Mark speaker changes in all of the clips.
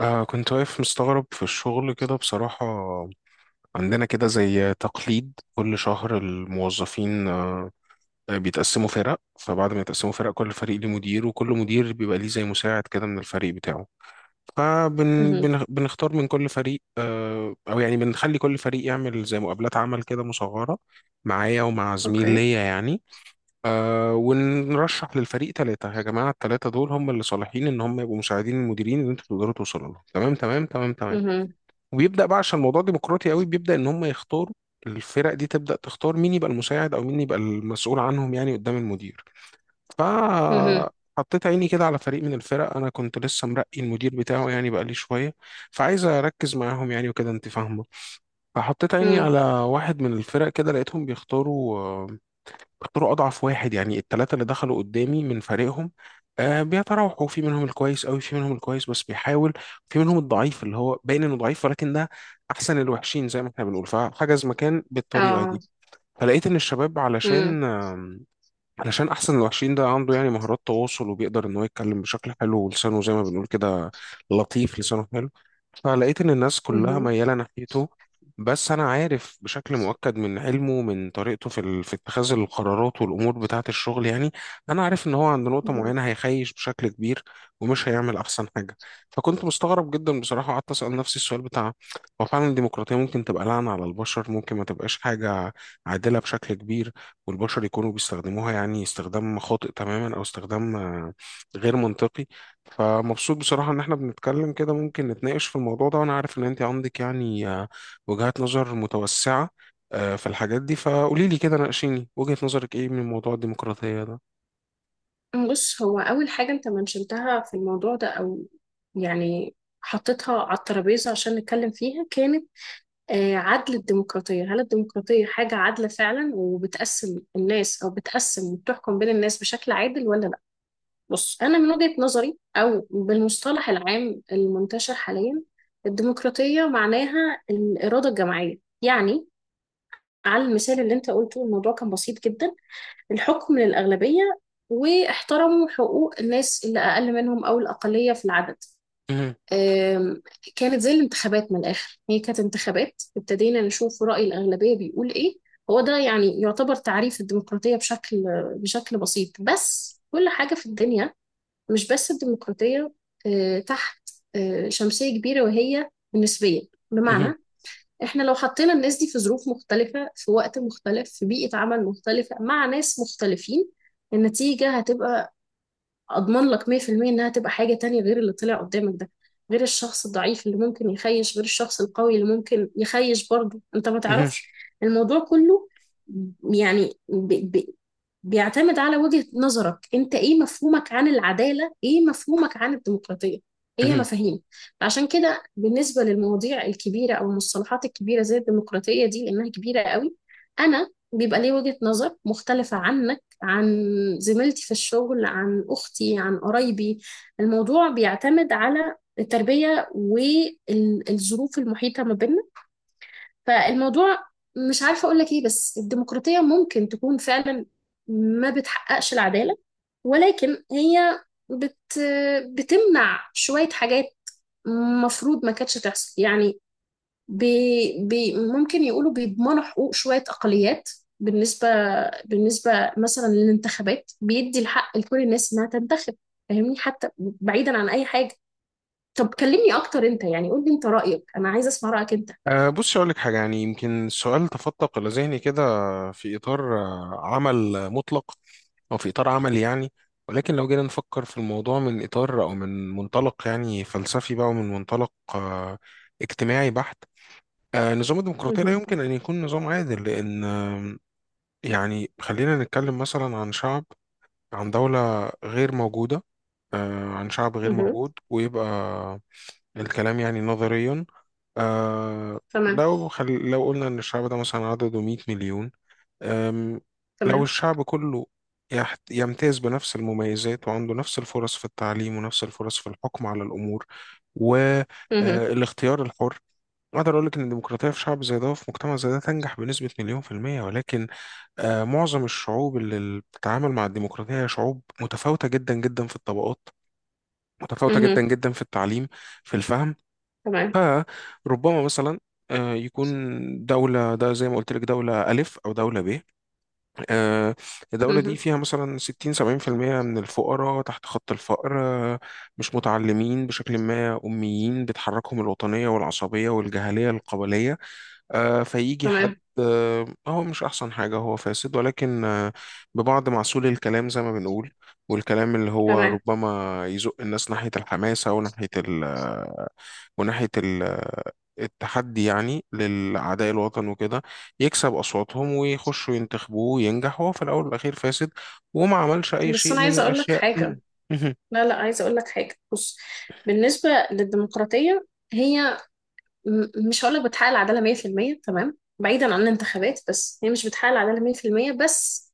Speaker 1: كنت واقف مستغرب في الشغل كده بصراحة. عندنا كده زي تقليد، كل شهر الموظفين بيتقسموا فرق. فبعد ما يتقسموا فرق، كل فريق ليه مدير، وكل مدير بيبقى ليه زي مساعد كده من الفريق بتاعه.
Speaker 2: مهم.
Speaker 1: فبنختار من كل فريق، أو يعني بنخلي كل فريق يعمل زي مقابلات عمل كده مصغرة، معايا ومع زميل
Speaker 2: اوكي.
Speaker 1: ليا يعني. ونرشح للفريق ثلاثة، يا جماعة الثلاثة دول هم اللي صالحين إن هم يبقوا مساعدين المديرين اللي أنتوا تقدروا توصلوا لهم. تمام تمام تمام تمام.
Speaker 2: مهم.
Speaker 1: وبيبدا بقى، عشان الموضوع ديمقراطي قوي، بيبدا ان هم يختاروا. الفرق دي تبدا تختار مين يبقى المساعد او مين يبقى المسؤول عنهم يعني قدام المدير.
Speaker 2: مهم.
Speaker 1: فحطيت عيني كده على فريق من الفرق، انا كنت لسه مرقي المدير بتاعه يعني، بقالي شويه. فعايز اركز معاهم يعني وكده انت فاهمه. فحطيت عيني
Speaker 2: مم.
Speaker 1: على واحد من الفرق كده، لقيتهم بيختاروا، اختاروا اضعف واحد يعني، الثلاثه اللي دخلوا قدامي من فريقهم. بيتراوحوا، في منهم الكويس قوي، في منهم الكويس بس بيحاول، في منهم الضعيف اللي هو باين انه ضعيف، ولكن ده احسن الوحشين زي ما احنا بنقول، فحجز مكان بالطريقه
Speaker 2: اه.
Speaker 1: دي. فلقيت ان الشباب،
Speaker 2: مم.
Speaker 1: علشان علشان احسن الوحشين ده عنده يعني مهارات تواصل، وبيقدر ان هو يتكلم بشكل حلو، ولسانه زي ما بنقول كده لطيف، لسانه حلو. فلقيت ان الناس كلها
Speaker 2: مهم.
Speaker 1: مياله ناحيته، بس انا عارف بشكل مؤكد من علمه، من طريقته في اتخاذ القرارات والامور بتاعه الشغل يعني. انا عارف ان هو عند نقطه
Speaker 2: مهم.
Speaker 1: معينه هيخيش بشكل كبير، ومش هيعمل احسن حاجه. فكنت مستغرب جدا بصراحه، قعدت اسال نفسي السؤال بتاع: هو فعلا الديمقراطيه ممكن تبقى لعنه على البشر؟ ممكن ما تبقاش حاجه عادله بشكل كبير، والبشر يكونوا بيستخدموها يعني استخدام خاطئ تماما، او استخدام غير منطقي. فمبسوط بصراحة ان احنا بنتكلم كده، ممكن نتناقش في الموضوع ده، وانا عارف ان انت عندك يعني وجهات نظر متوسعة في الحاجات دي. فقولي لي كده ناقشيني، وجهة نظرك ايه من موضوع الديمقراطية
Speaker 2: بص، هو اول حاجه انت منشنتها في الموضوع ده او يعني حطيتها على الترابيزه عشان نتكلم فيها كانت عدل الديمقراطيه. هل الديمقراطيه حاجه عادله فعلا وبتقسم الناس او بتقسم وبتحكم بين الناس بشكل عادل ولا لا؟ بص، انا من وجهه نظري او بالمصطلح العام المنتشر حاليا الديمقراطيه معناها الاراده الجماعيه. يعني على المثال اللي انت قلته الموضوع كان بسيط جدا: الحكم للأغلبية، واحترموا حقوق الناس اللي أقل منهم أو الأقلية في العدد. أم، كانت زي الانتخابات. من الآخر هي كانت انتخابات ابتدينا نشوف رأي الأغلبية بيقول إيه. هو ده يعني يعتبر تعريف الديمقراطية بشكل بسيط. بس كل حاجة في الدنيا مش بس الديمقراطية تحت شمسية كبيرة، وهي النسبية. بمعنى، احنا لو حطينا الناس دي في ظروف مختلفة في وقت مختلف في بيئة عمل مختلفة مع ناس مختلفين، النتيجة هتبقى، اضمن لك 100% انها تبقى حاجة تانية غير اللي طلع قدامك ده. غير الشخص الضعيف اللي ممكن يخيش، غير الشخص القوي اللي ممكن يخيش برضه، انت ما
Speaker 1: ده؟
Speaker 2: تعرفش. الموضوع كله يعني بيعتمد على وجهة نظرك. انت ايه مفهومك عن العدالة؟ ايه مفهومك عن الديمقراطية؟ هي مفاهيم. عشان كده بالنسبة للمواضيع الكبيرة او المصطلحات الكبيرة زي الديمقراطية دي، لانها كبيرة قوي، انا بيبقى لي وجهة نظر مختلفة عنك، عن زميلتي في الشغل، عن أختي، عن قرايبي. الموضوع بيعتمد على التربية والظروف المحيطة ما بيننا. فالموضوع، مش عارفة أقول لك إيه، بس الديمقراطية ممكن تكون فعلا ما بتحققش العدالة، ولكن هي بت... بتمنع شوية حاجات مفروض ما كانتش تحصل يعني. بي بي ممكن يقولوا بيضمنوا حقوق شوية أقليات. بالنسبة بالنسبة مثلا للانتخابات، بيدي الحق لكل الناس إنها تنتخب. فاهمني؟ حتى بعيدا عن أي حاجة، طب كلمني أكتر أنت، يعني قول لي أنت رأيك. أنا عايزة أسمع رأيك أنت.
Speaker 1: أه بص، أقول لك حاجة، يعني يمكن السؤال تفتق إلى ذهني كده في إطار عمل مطلق، أو في إطار عملي يعني، ولكن لو جينا نفكر في الموضوع من إطار أو من منطلق يعني فلسفي بقى، ومن منطلق اجتماعي بحت. نظام الديمقراطية لا
Speaker 2: مهم.
Speaker 1: يمكن أن يكون نظام عادل، لأن يعني خلينا نتكلم مثلا عن شعب، عن دولة غير موجودة، عن شعب غير
Speaker 2: مهم.
Speaker 1: موجود، ويبقى الكلام يعني نظريا. آه.
Speaker 2: تمام.
Speaker 1: لو قلنا ان الشعب ده مثلا عدده 100 مليون. آم لو
Speaker 2: تمام.
Speaker 1: الشعب كله يمتاز بنفس المميزات، وعنده نفس الفرص في التعليم، ونفس الفرص في الحكم على الامور
Speaker 2: مهم.
Speaker 1: والاختيار الحر، اقدر اقول لك ان الديمقراطيه في شعب زي ده وفي مجتمع زي ده تنجح بنسبه مليون في الميه. ولكن آه، معظم الشعوب اللي بتتعامل مع الديمقراطيه هي شعوب متفاوته جدا جدا في الطبقات، متفاوته جدا
Speaker 2: مهم.
Speaker 1: جدا في التعليم، في الفهم.
Speaker 2: تمام.
Speaker 1: فربما مثلا يكون دولة ده زي ما قلت لك، دولة ألف أو دولة ب، آه، الدولة دي
Speaker 2: مهم.
Speaker 1: فيها مثلا 60 70% من الفقراء تحت خط الفقر، مش متعلمين بشكل ما، أميين، بتحركهم الوطنية والعصبية والجهلية القبلية. فيجي حد
Speaker 2: تمام.
Speaker 1: هو مش أحسن حاجة، هو فاسد، ولكن ببعض معسول الكلام زي ما بنقول، والكلام اللي هو
Speaker 2: تمام.
Speaker 1: ربما يزق الناس ناحية الحماسة، وناحية التحدي يعني لأعداء الوطن وكده، يكسب أصواتهم ويخشوا ينتخبوه وينجح، وهو في الأول والأخير فاسد، وما عملش أي
Speaker 2: بس
Speaker 1: شيء
Speaker 2: أنا
Speaker 1: من
Speaker 2: عايزة أقول لك
Speaker 1: الأشياء.
Speaker 2: حاجة. لا لا، عايزة أقول لك حاجة، بص. بالنسبة للديمقراطية، هي مش هقولك بتحقق العدالة 100% تمام بعيدا عن الانتخابات، بس هي مش بتحقق العدالة 100%. بس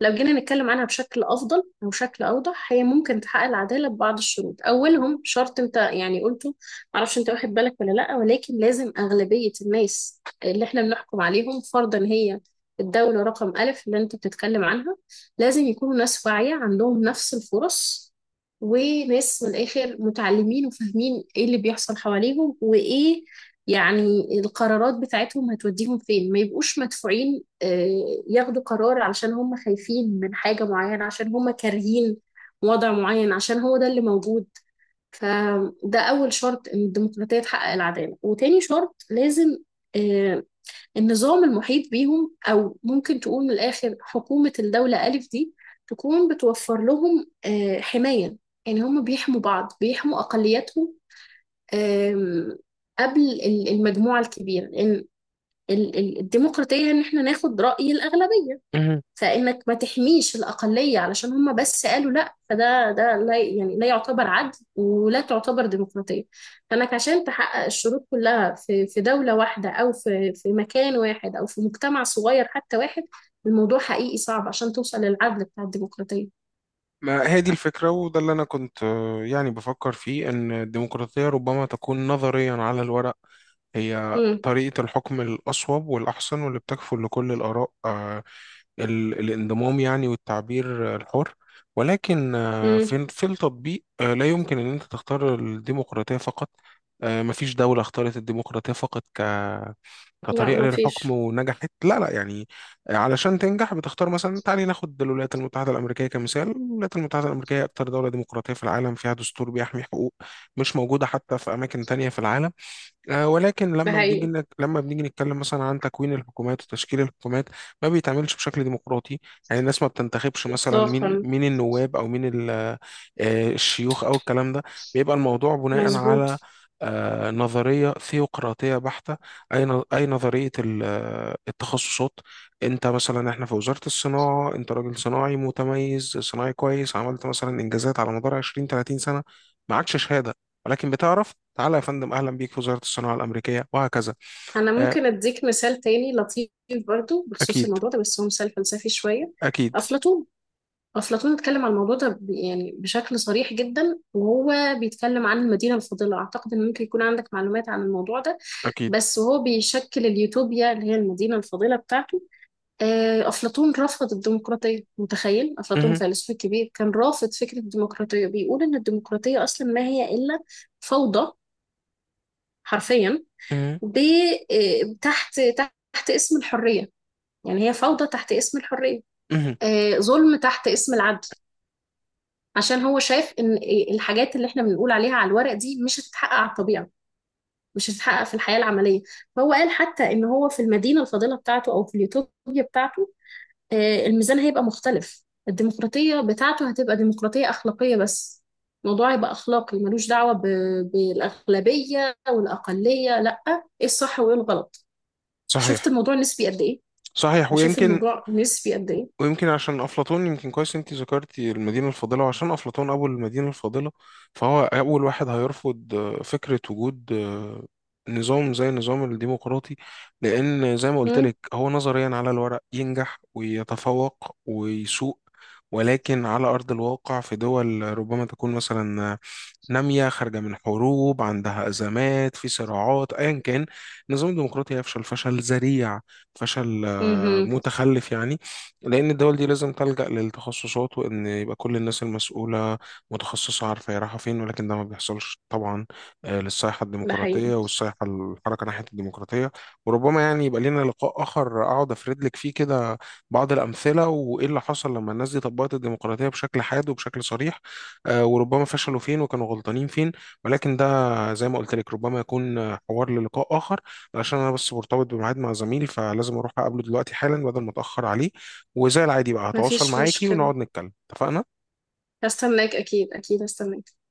Speaker 2: لو جينا نتكلم عنها بشكل أفضل أو بشكل أوضح، هي ممكن تحقق العدالة ببعض الشروط. أولهم شرط أنت يعني قلته، معرفش أنت واخد بالك ولا لأ، ولكن لازم أغلبية الناس اللي إحنا بنحكم عليهم فرضا، هي الدولة رقم ألف اللي أنت بتتكلم عنها، لازم يكونوا ناس واعية عندهم نفس الفرص، وناس من الآخر متعلمين وفاهمين إيه اللي بيحصل حواليهم، وإيه يعني القرارات بتاعتهم هتوديهم فين، ما يبقوش مدفوعين ياخدوا قرار علشان هم خايفين من حاجة معينة، عشان هم كارهين وضع معين، عشان هو ده اللي موجود. فده أول شرط إن الديمقراطية تحقق العدالة. وتاني شرط، لازم آه، النظام المحيط بيهم، أو ممكن تقول من الآخر حكومة الدولة ألف دي، تكون بتوفر لهم حماية. يعني هم بيحموا بعض، بيحموا أقلياتهم، آم، قبل المجموعة الكبيرة. لأن الديمقراطية إن إحنا ناخد رأي الأغلبية، فإنك ما تحميش الأقلية علشان هم بس قالوا لأ، فده لا يعني لا يعتبر عدل ولا تعتبر ديمقراطية. فإنك عشان تحقق الشروط كلها في دولة واحدة، أو في مكان واحد، أو في مجتمع صغير حتى واحد، الموضوع حقيقي صعب عشان توصل للعدل بتاع الديمقراطية.
Speaker 1: ما هي دي الفكرة، وده اللي أنا كنت يعني بفكر فيه، إن الديمقراطية ربما تكون نظريا على الورق هي
Speaker 2: امم.
Speaker 1: طريقة الحكم الأصوب والأحسن، واللي بتكفل لكل الآراء الانضمام يعني، والتعبير الحر، ولكن آه،
Speaker 2: امم.
Speaker 1: في في التطبيق لا يمكن أن أنت تختار الديمقراطية فقط. مفيش دولة اختارت الديمقراطية فقط
Speaker 2: لا
Speaker 1: كطريقة
Speaker 2: ما
Speaker 1: للحكم
Speaker 2: فيش.
Speaker 1: ونجحت، لا لا يعني. علشان تنجح بتختار، مثلا تعالي ناخد الولايات المتحدة الأمريكية كمثال. الولايات المتحدة الأمريكية أكتر دولة ديمقراطية في العالم، فيها دستور بيحمي حقوق مش موجودة حتى في أماكن تانية في العالم. ولكن
Speaker 2: ده
Speaker 1: لما بنيجي
Speaker 2: حقيقي.
Speaker 1: نك... لما بنيجي نتكلم مثلا عن تكوين الحكومات وتشكيل الحكومات، ما بيتعملش بشكل ديمقراطي. يعني الناس ما بتنتخبش مثلا مين
Speaker 2: إطلاقا.
Speaker 1: مين النواب، او مين ال... آه، الشيوخ او الكلام ده. بيبقى الموضوع بناء
Speaker 2: مظبوط.
Speaker 1: على نظرية ثيوقراطية بحتة. أي نظرية التخصصات. أنت مثلا، إحنا في وزارة الصناعة، أنت راجل صناعي متميز، صناعي كويس، عملت مثلا إنجازات على مدار 20 30 سنة، معكش شهادة، ولكن بتعرف، تعالى يا فندم، اهلا بيك في وزاره الصناعه الامريكيه، وهكذا.
Speaker 2: أنا
Speaker 1: آه،
Speaker 2: ممكن أديك مثال تاني لطيف، برضو بخصوص
Speaker 1: اكيد
Speaker 2: الموضوع ده، بس هو مثال فلسفي شوية.
Speaker 1: اكيد
Speaker 2: أفلاطون. أفلاطون اتكلم عن الموضوع ده يعني بشكل صريح جدا، وهو بيتكلم عن المدينة الفاضلة. أعتقد إن ممكن يكون عندك معلومات عن الموضوع ده،
Speaker 1: اكيد.
Speaker 2: بس هو بيشكل اليوتوبيا اللي هي المدينة الفاضلة بتاعته. أفلاطون رفض الديمقراطية. متخيل؟ أفلاطون
Speaker 1: مه،
Speaker 2: فيلسوف كبير كان رافض فكرة الديمقراطية، بيقول إن الديمقراطية أصلا ما هي إلا فوضى، حرفيا.
Speaker 1: مه،
Speaker 2: ب تحت اسم الحرية، يعني هي فوضى تحت اسم الحرية،
Speaker 1: مه.
Speaker 2: ظلم تحت اسم العدل. عشان هو شايف ان الحاجات اللي احنا بنقول عليها على الورق دي مش هتتحقق على الطبيعة، مش هتتحقق في الحياة العملية. فهو قال حتى ان هو في المدينة الفاضلة بتاعته او في اليوتوبيا بتاعته، الميزان هيبقى مختلف. الديمقراطية بتاعته هتبقى ديمقراطية أخلاقية بس، الموضوع هيبقى أخلاقي ملوش دعوة بالأغلبية والأقلية، لأ، إيه الصح وإيه الغلط. شفت
Speaker 1: صحيح.
Speaker 2: الموضوع نسبي قد إيه؟
Speaker 1: صحيح،
Speaker 2: يعني شوف
Speaker 1: ويمكن.
Speaker 2: الموضوع نسبي قد ايه.
Speaker 1: ويمكن عشان أفلاطون، يمكن كويس أنت ذكرتي المدينة الفاضلة، وعشان أفلاطون أبو المدينة الفاضلة، فهو أول واحد هيرفض فكرة وجود نظام زي النظام الديمقراطي، لأن زي ما قلت
Speaker 2: مم.
Speaker 1: لك، هو نظريا على الورق ينجح ويتفوق ويسوق، ولكن على أرض الواقع في دول ربما تكون مثلا نامية، خارجة من حروب، عندها أزمات في صراعات أيا كان، النظام الديمقراطي هيفشل فشل ذريع، فشل
Speaker 2: مهم.
Speaker 1: متخلف يعني. لأن الدول دي لازم تلجأ للتخصصات، وإن يبقى كل الناس المسؤولة متخصصة، عارفة هي رايحة فين. ولكن ده ما بيحصلش طبعا، للصيحة
Speaker 2: ده حقيقي.
Speaker 1: الديمقراطية والصيحة الحركة ناحية الديمقراطية. وربما يعني يبقى لنا لقاء آخر، أقعد أفرد لك فيه كده بعض الأمثلة، وإيه اللي حصل لما الناس دي طبقت الديمقراطية بشكل حاد وبشكل صريح، وربما فشلوا فين وكانوا غلطانين فين. ولكن ده زي ما قلت لك ربما يكون حوار للقاء آخر، علشان أنا بس مرتبط بميعاد مع زميل، فلازم أروح أقابله دلوقتي حالا بدل ما أتأخر عليه. وزي العادي بقى هتواصل
Speaker 2: مفيش
Speaker 1: معاكي
Speaker 2: مشكلة.
Speaker 1: ونقعد نتكلم، اتفقنا.
Speaker 2: هستناك، اكيد اكيد هستناك.